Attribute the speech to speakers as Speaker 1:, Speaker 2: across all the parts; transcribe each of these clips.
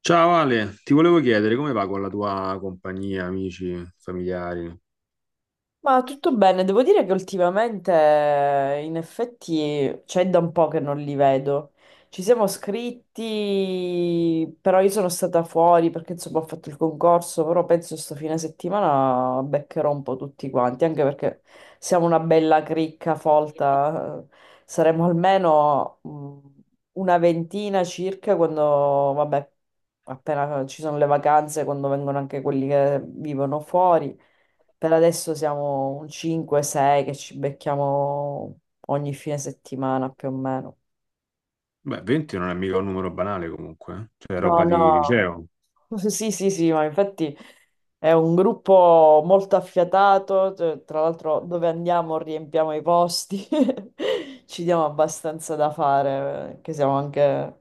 Speaker 1: Ciao Ale, ti volevo chiedere come va con la tua compagnia, amici, familiari?
Speaker 2: Ma tutto bene, devo dire che ultimamente in effetti c'è da un po' che non li vedo. Ci siamo scritti, però io sono stata fuori perché insomma ho fatto il concorso, però penso sto fine settimana beccherò un po' tutti quanti, anche perché siamo una bella cricca folta, saremo almeno una ventina circa quando, vabbè, appena ci sono le vacanze, quando vengono anche quelli che vivono fuori. Per adesso siamo un 5-6 che ci becchiamo ogni fine settimana più o meno.
Speaker 1: Beh, 20 non è mica un numero banale comunque, eh. Cioè, è
Speaker 2: No,
Speaker 1: roba di
Speaker 2: no,
Speaker 1: liceo.
Speaker 2: sì, sì, sì, ma infatti è un gruppo molto affiatato, tra l'altro dove andiamo riempiamo i posti, ci diamo abbastanza da fare, che siamo anche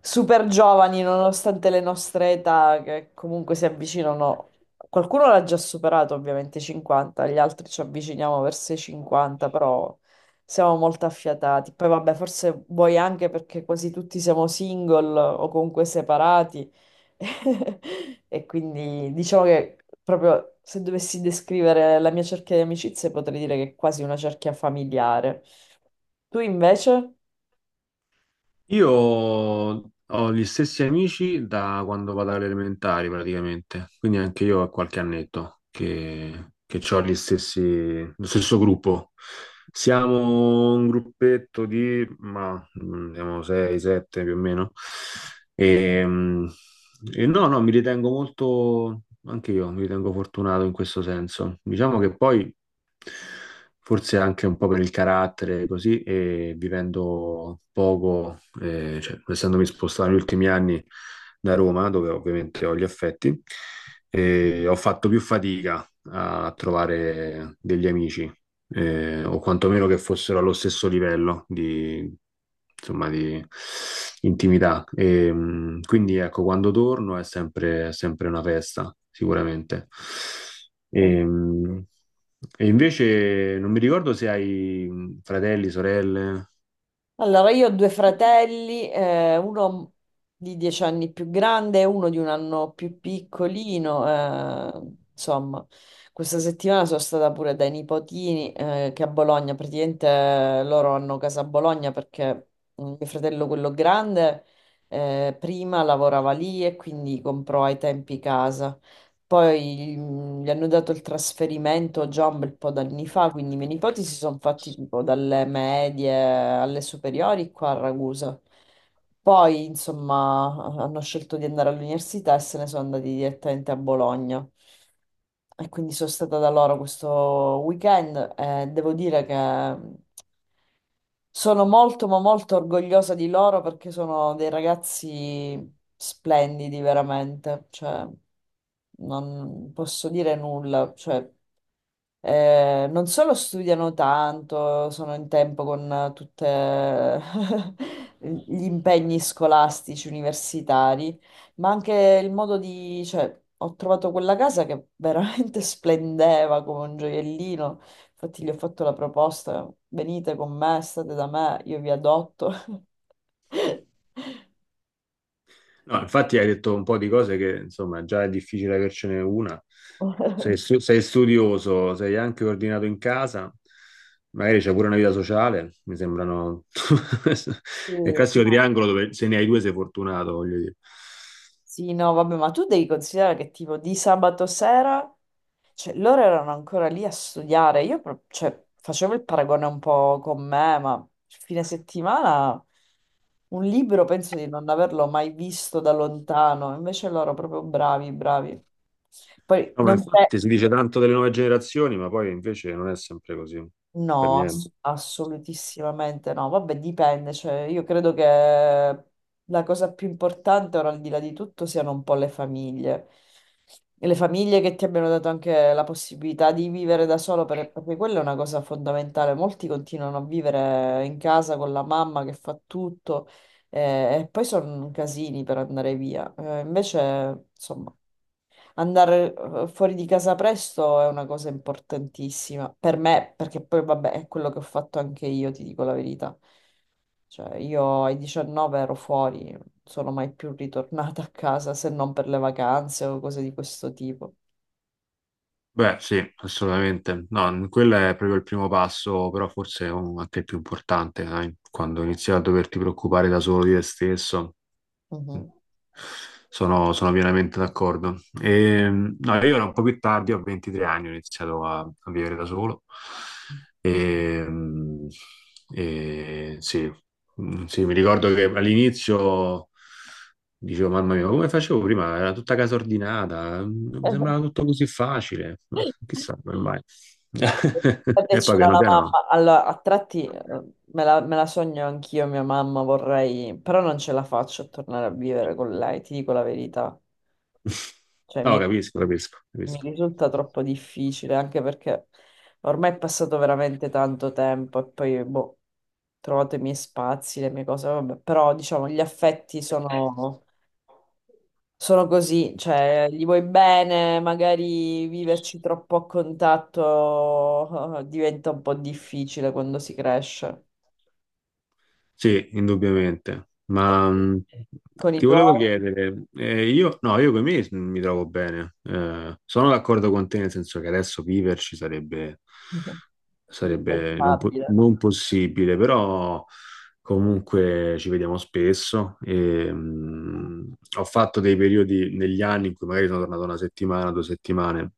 Speaker 2: super giovani nonostante le nostre età che comunque si avvicinano. Qualcuno l'ha già superato ovviamente i 50, gli altri ci avviciniamo verso i 50, però... Siamo molto affiatati. Poi vabbè, forse vuoi anche perché quasi tutti siamo single o comunque separati. E quindi diciamo che proprio se dovessi descrivere la mia cerchia di amicizie potrei dire che è quasi una cerchia familiare. Tu invece?
Speaker 1: Io ho gli stessi amici da quando vado alle elementari praticamente, quindi anche io ho qualche annetto che ho gli stessi, lo stesso gruppo. Siamo un gruppetto di, ma siamo 6, 7 più o meno. E, mm, e no, no, mi ritengo molto, anche io mi ritengo fortunato in questo senso. Diciamo che poi forse anche un po' per il carattere, così, e vivendo poco, cioè, essendomi spostato negli ultimi anni da Roma, dove ovviamente ho gli affetti, ho fatto più fatica a trovare degli amici, o quantomeno che fossero allo stesso livello di, insomma, di intimità. E quindi ecco, quando torno è sempre una festa, sicuramente. E, mh, e invece non mi ricordo se hai fratelli, sorelle.
Speaker 2: Allora, io ho due fratelli, uno di 10 anni più grande e uno di un anno più piccolino. Insomma, questa settimana sono stata pure dai nipotini, che a Bologna, praticamente loro hanno casa a Bologna perché mio fratello, quello grande, prima lavorava lì e quindi comprò ai tempi casa. Poi gli hanno dato il trasferimento già un bel po' d'anni fa, quindi i miei nipoti si sono fatti tipo dalle medie alle superiori qua a Ragusa. Poi, insomma, hanno scelto di andare all'università e se ne sono andati direttamente a Bologna. E quindi sono stata da loro questo weekend e devo dire che sono molto, ma molto orgogliosa di loro perché sono dei ragazzi splendidi, veramente. Cioè, non posso dire nulla. Cioè, non solo studiano tanto, sono in tempo con tutti gli impegni scolastici, universitari, ma anche il modo di, cioè, ho trovato quella casa che veramente splendeva come un gioiellino. Infatti gli ho fatto la proposta, venite con me, state da me, io vi adotto.
Speaker 1: No, infatti hai detto un po' di cose che, insomma, già è difficile avercene una. Sei studioso, sei anche ordinato in casa, magari c'è pure una vita sociale, mi sembrano.
Speaker 2: Sì.
Speaker 1: È il classico triangolo dove se ne hai due sei fortunato, voglio dire.
Speaker 2: Sì, no, vabbè, ma tu devi considerare che tipo di sabato sera, cioè loro erano ancora lì a studiare, cioè, facevo il paragone un po' con me, ma fine settimana un libro penso di non averlo mai visto da lontano, invece loro proprio bravi, bravi. Poi
Speaker 1: No, ma
Speaker 2: non,
Speaker 1: infatti si dice tanto delle nuove generazioni, ma poi invece non è sempre così, per
Speaker 2: No,
Speaker 1: niente.
Speaker 2: assolutissimamente no. Vabbè, dipende. Cioè, io credo che la cosa più importante, ora al di là di tutto, siano un po' le famiglie. E le famiglie che ti abbiano dato anche la possibilità di vivere da solo, perché quella è una cosa fondamentale. Molti continuano a vivere in casa con la mamma che fa tutto, e poi sono casini per andare via. Invece, insomma. Andare fuori di casa presto è una cosa importantissima per me, perché poi vabbè, è quello che ho fatto anche io, ti dico la verità. Cioè, io ai 19 ero fuori, non sono mai più ritornata a casa se non per le vacanze o cose di questo tipo.
Speaker 1: Beh, sì, assolutamente. No, quello è proprio il primo passo, però forse anche il più importante, dai, quando inizi a doverti preoccupare da solo di te stesso.
Speaker 2: Mhm.
Speaker 1: Sono pienamente d'accordo. E, no, io ero un po' più tardi, ho 23 anni, ho iniziato a vivere da solo. E, mm, e sì. Mm, sì, mi ricordo che all'inizio dicevo, mamma mia, ma come facevo prima? Era tutta casa ordinata, non mi sembrava tutto così facile, ma chissà come mai.
Speaker 2: Perché
Speaker 1: E poi
Speaker 2: c'era
Speaker 1: piano
Speaker 2: la
Speaker 1: piano.
Speaker 2: mamma, allora a tratti me la sogno anch'io, mia mamma vorrei, però non ce la faccio a tornare a vivere con lei, ti dico la verità. Cioè,
Speaker 1: No,
Speaker 2: mi
Speaker 1: capisco, capisco,
Speaker 2: mi
Speaker 1: capisco.
Speaker 2: risulta troppo difficile, anche perché ormai è passato veramente tanto tempo e poi, boh, ho trovato i miei spazi, le mie cose, vabbè, però diciamo gli affetti sono, sono così, cioè gli vuoi bene, magari viverci troppo a contatto diventa un po' difficile quando si cresce.
Speaker 1: Sì, indubbiamente. Ma
Speaker 2: Con i
Speaker 1: ti
Speaker 2: tuoi?
Speaker 1: volevo chiedere, io, no, io con me mi trovo bene. Sono d'accordo con te, nel senso che adesso viverci sarebbe, sarebbe non, po-
Speaker 2: Impensabile.
Speaker 1: non possibile, però. Comunque ci vediamo spesso. E ho fatto dei periodi negli anni in cui magari sono tornato una settimana, 2 settimane.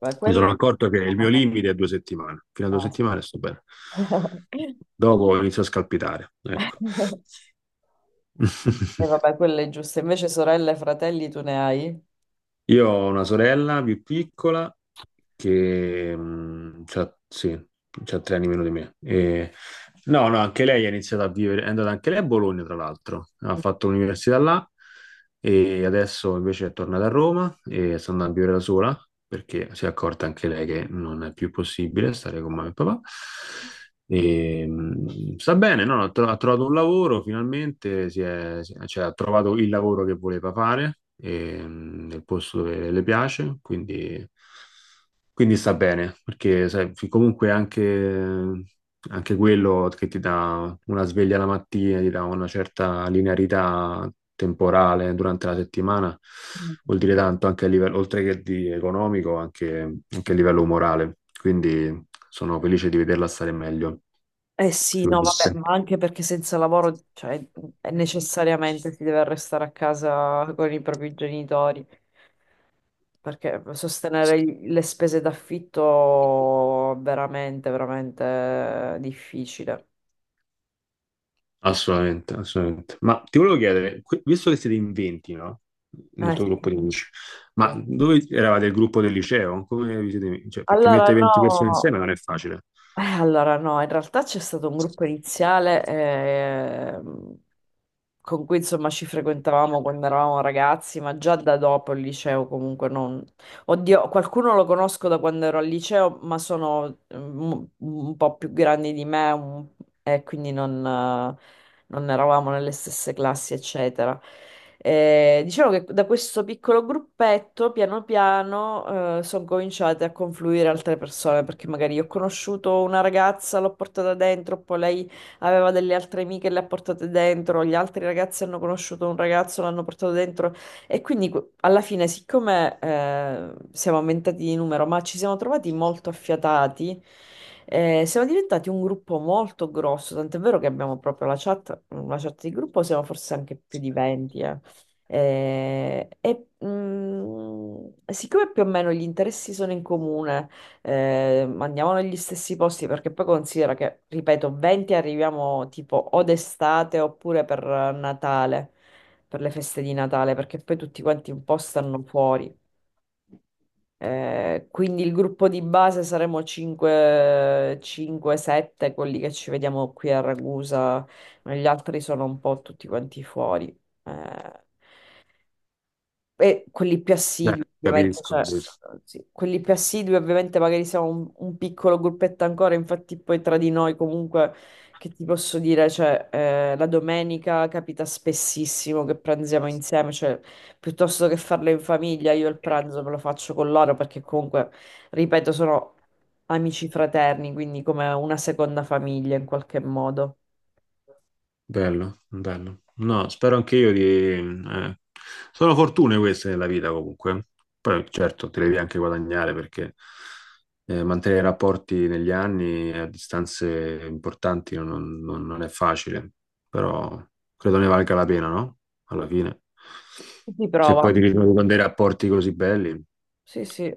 Speaker 2: Ma
Speaker 1: Mi
Speaker 2: quello...
Speaker 1: sono accorto che il mio limite è 2 settimane. Fino a 2 settimane sto bene.
Speaker 2: Eh.
Speaker 1: Dopo inizio a scalpitare. Ecco.
Speaker 2: E vabbè, quella è giusta. Invece sorelle e fratelli tu ne hai?
Speaker 1: Io ho una sorella più piccola che c'ha, sì, c'ha 3 anni meno di me. No, no, anche lei ha iniziato a vivere, è andata anche lei a Bologna, tra l'altro, ha fatto l'università là e adesso invece è tornata a Roma e sta andando a vivere da sola perché si è accorta anche lei che non è più possibile stare con mamma e papà. E sta bene, no? No, ha trovato un lavoro finalmente, cioè, ha trovato il lavoro che voleva fare e, nel posto dove le piace, quindi sta bene, perché sai, comunque anche quello che ti dà una sveglia la mattina, ti dà una certa linearità temporale durante la settimana,
Speaker 2: Mm.
Speaker 1: vuol dire tanto anche a livello, oltre che di economico, anche a livello morale. Quindi sono felice di vederla stare meglio,
Speaker 2: Eh sì, no, vabbè,
Speaker 1: sicuramente.
Speaker 2: ma anche perché senza lavoro, cioè, è necessariamente si deve restare a casa con i propri genitori, perché sostenere le spese d'affitto è veramente, veramente difficile.
Speaker 1: Assolutamente, assolutamente. Ma ti volevo chiedere, visto che siete in 20, no? Nel
Speaker 2: Eh
Speaker 1: tuo gruppo
Speaker 2: sì.
Speaker 1: di amici, ma
Speaker 2: Sì.
Speaker 1: dove eravate il gruppo del liceo? Cioè, perché
Speaker 2: Allora,
Speaker 1: mettere 20 persone
Speaker 2: no.
Speaker 1: insieme non è facile.
Speaker 2: Allora no, in realtà c'è stato un gruppo iniziale con cui insomma ci frequentavamo quando eravamo ragazzi, ma già da dopo il liceo comunque non... Oddio, qualcuno lo conosco da quando ero al liceo, ma sono un po' più grandi di me e quindi non... eh, Non eravamo nelle stesse classi, eccetera. Diciamo che da questo piccolo gruppetto, piano piano, sono cominciate a confluire altre persone, perché magari io ho conosciuto una ragazza, l'ho portata dentro, poi lei aveva delle altre amiche, le ha portate dentro, gli altri ragazzi hanno conosciuto un ragazzo, l'hanno portato dentro. E quindi alla fine, siccome siamo aumentati di numero, ma ci siamo trovati molto affiatati, siamo diventati un gruppo molto grosso, tant'è vero che abbiamo proprio la chat di gruppo, siamo forse anche più di 20. E siccome più o meno gli interessi sono in comune, andiamo negli stessi posti perché poi considera che, ripeto, 20 arriviamo tipo o d'estate oppure per Natale per le feste di Natale, perché poi tutti quanti un po' stanno fuori. Quindi il gruppo di base saremo 5-7, quelli che ci vediamo qui a Ragusa, ma gli altri sono un po' tutti quanti fuori. Eh, e quelli più
Speaker 1: Eh,
Speaker 2: assidui, ovviamente,
Speaker 1: capisco.
Speaker 2: cioè, sì, quelli più assidui, ovviamente, magari siamo un piccolo gruppetto ancora, infatti poi tra di noi comunque, che ti posso dire, cioè, la domenica capita spessissimo che pranziamo insieme, cioè, piuttosto che farlo in famiglia, io il pranzo me lo faccio con loro, perché comunque, ripeto, sono amici fraterni, quindi come una seconda famiglia in qualche modo.
Speaker 1: Bello, bello. No, spero anche io di. Sono fortune queste nella vita comunque. Poi certo, te le devi anche guadagnare perché mantenere rapporti negli anni a distanze importanti non è facile, però credo ne valga la pena, no? Alla fine.
Speaker 2: Si
Speaker 1: Se
Speaker 2: prova,
Speaker 1: poi ti ritrovi con dei rapporti così belli,
Speaker 2: sì, sì.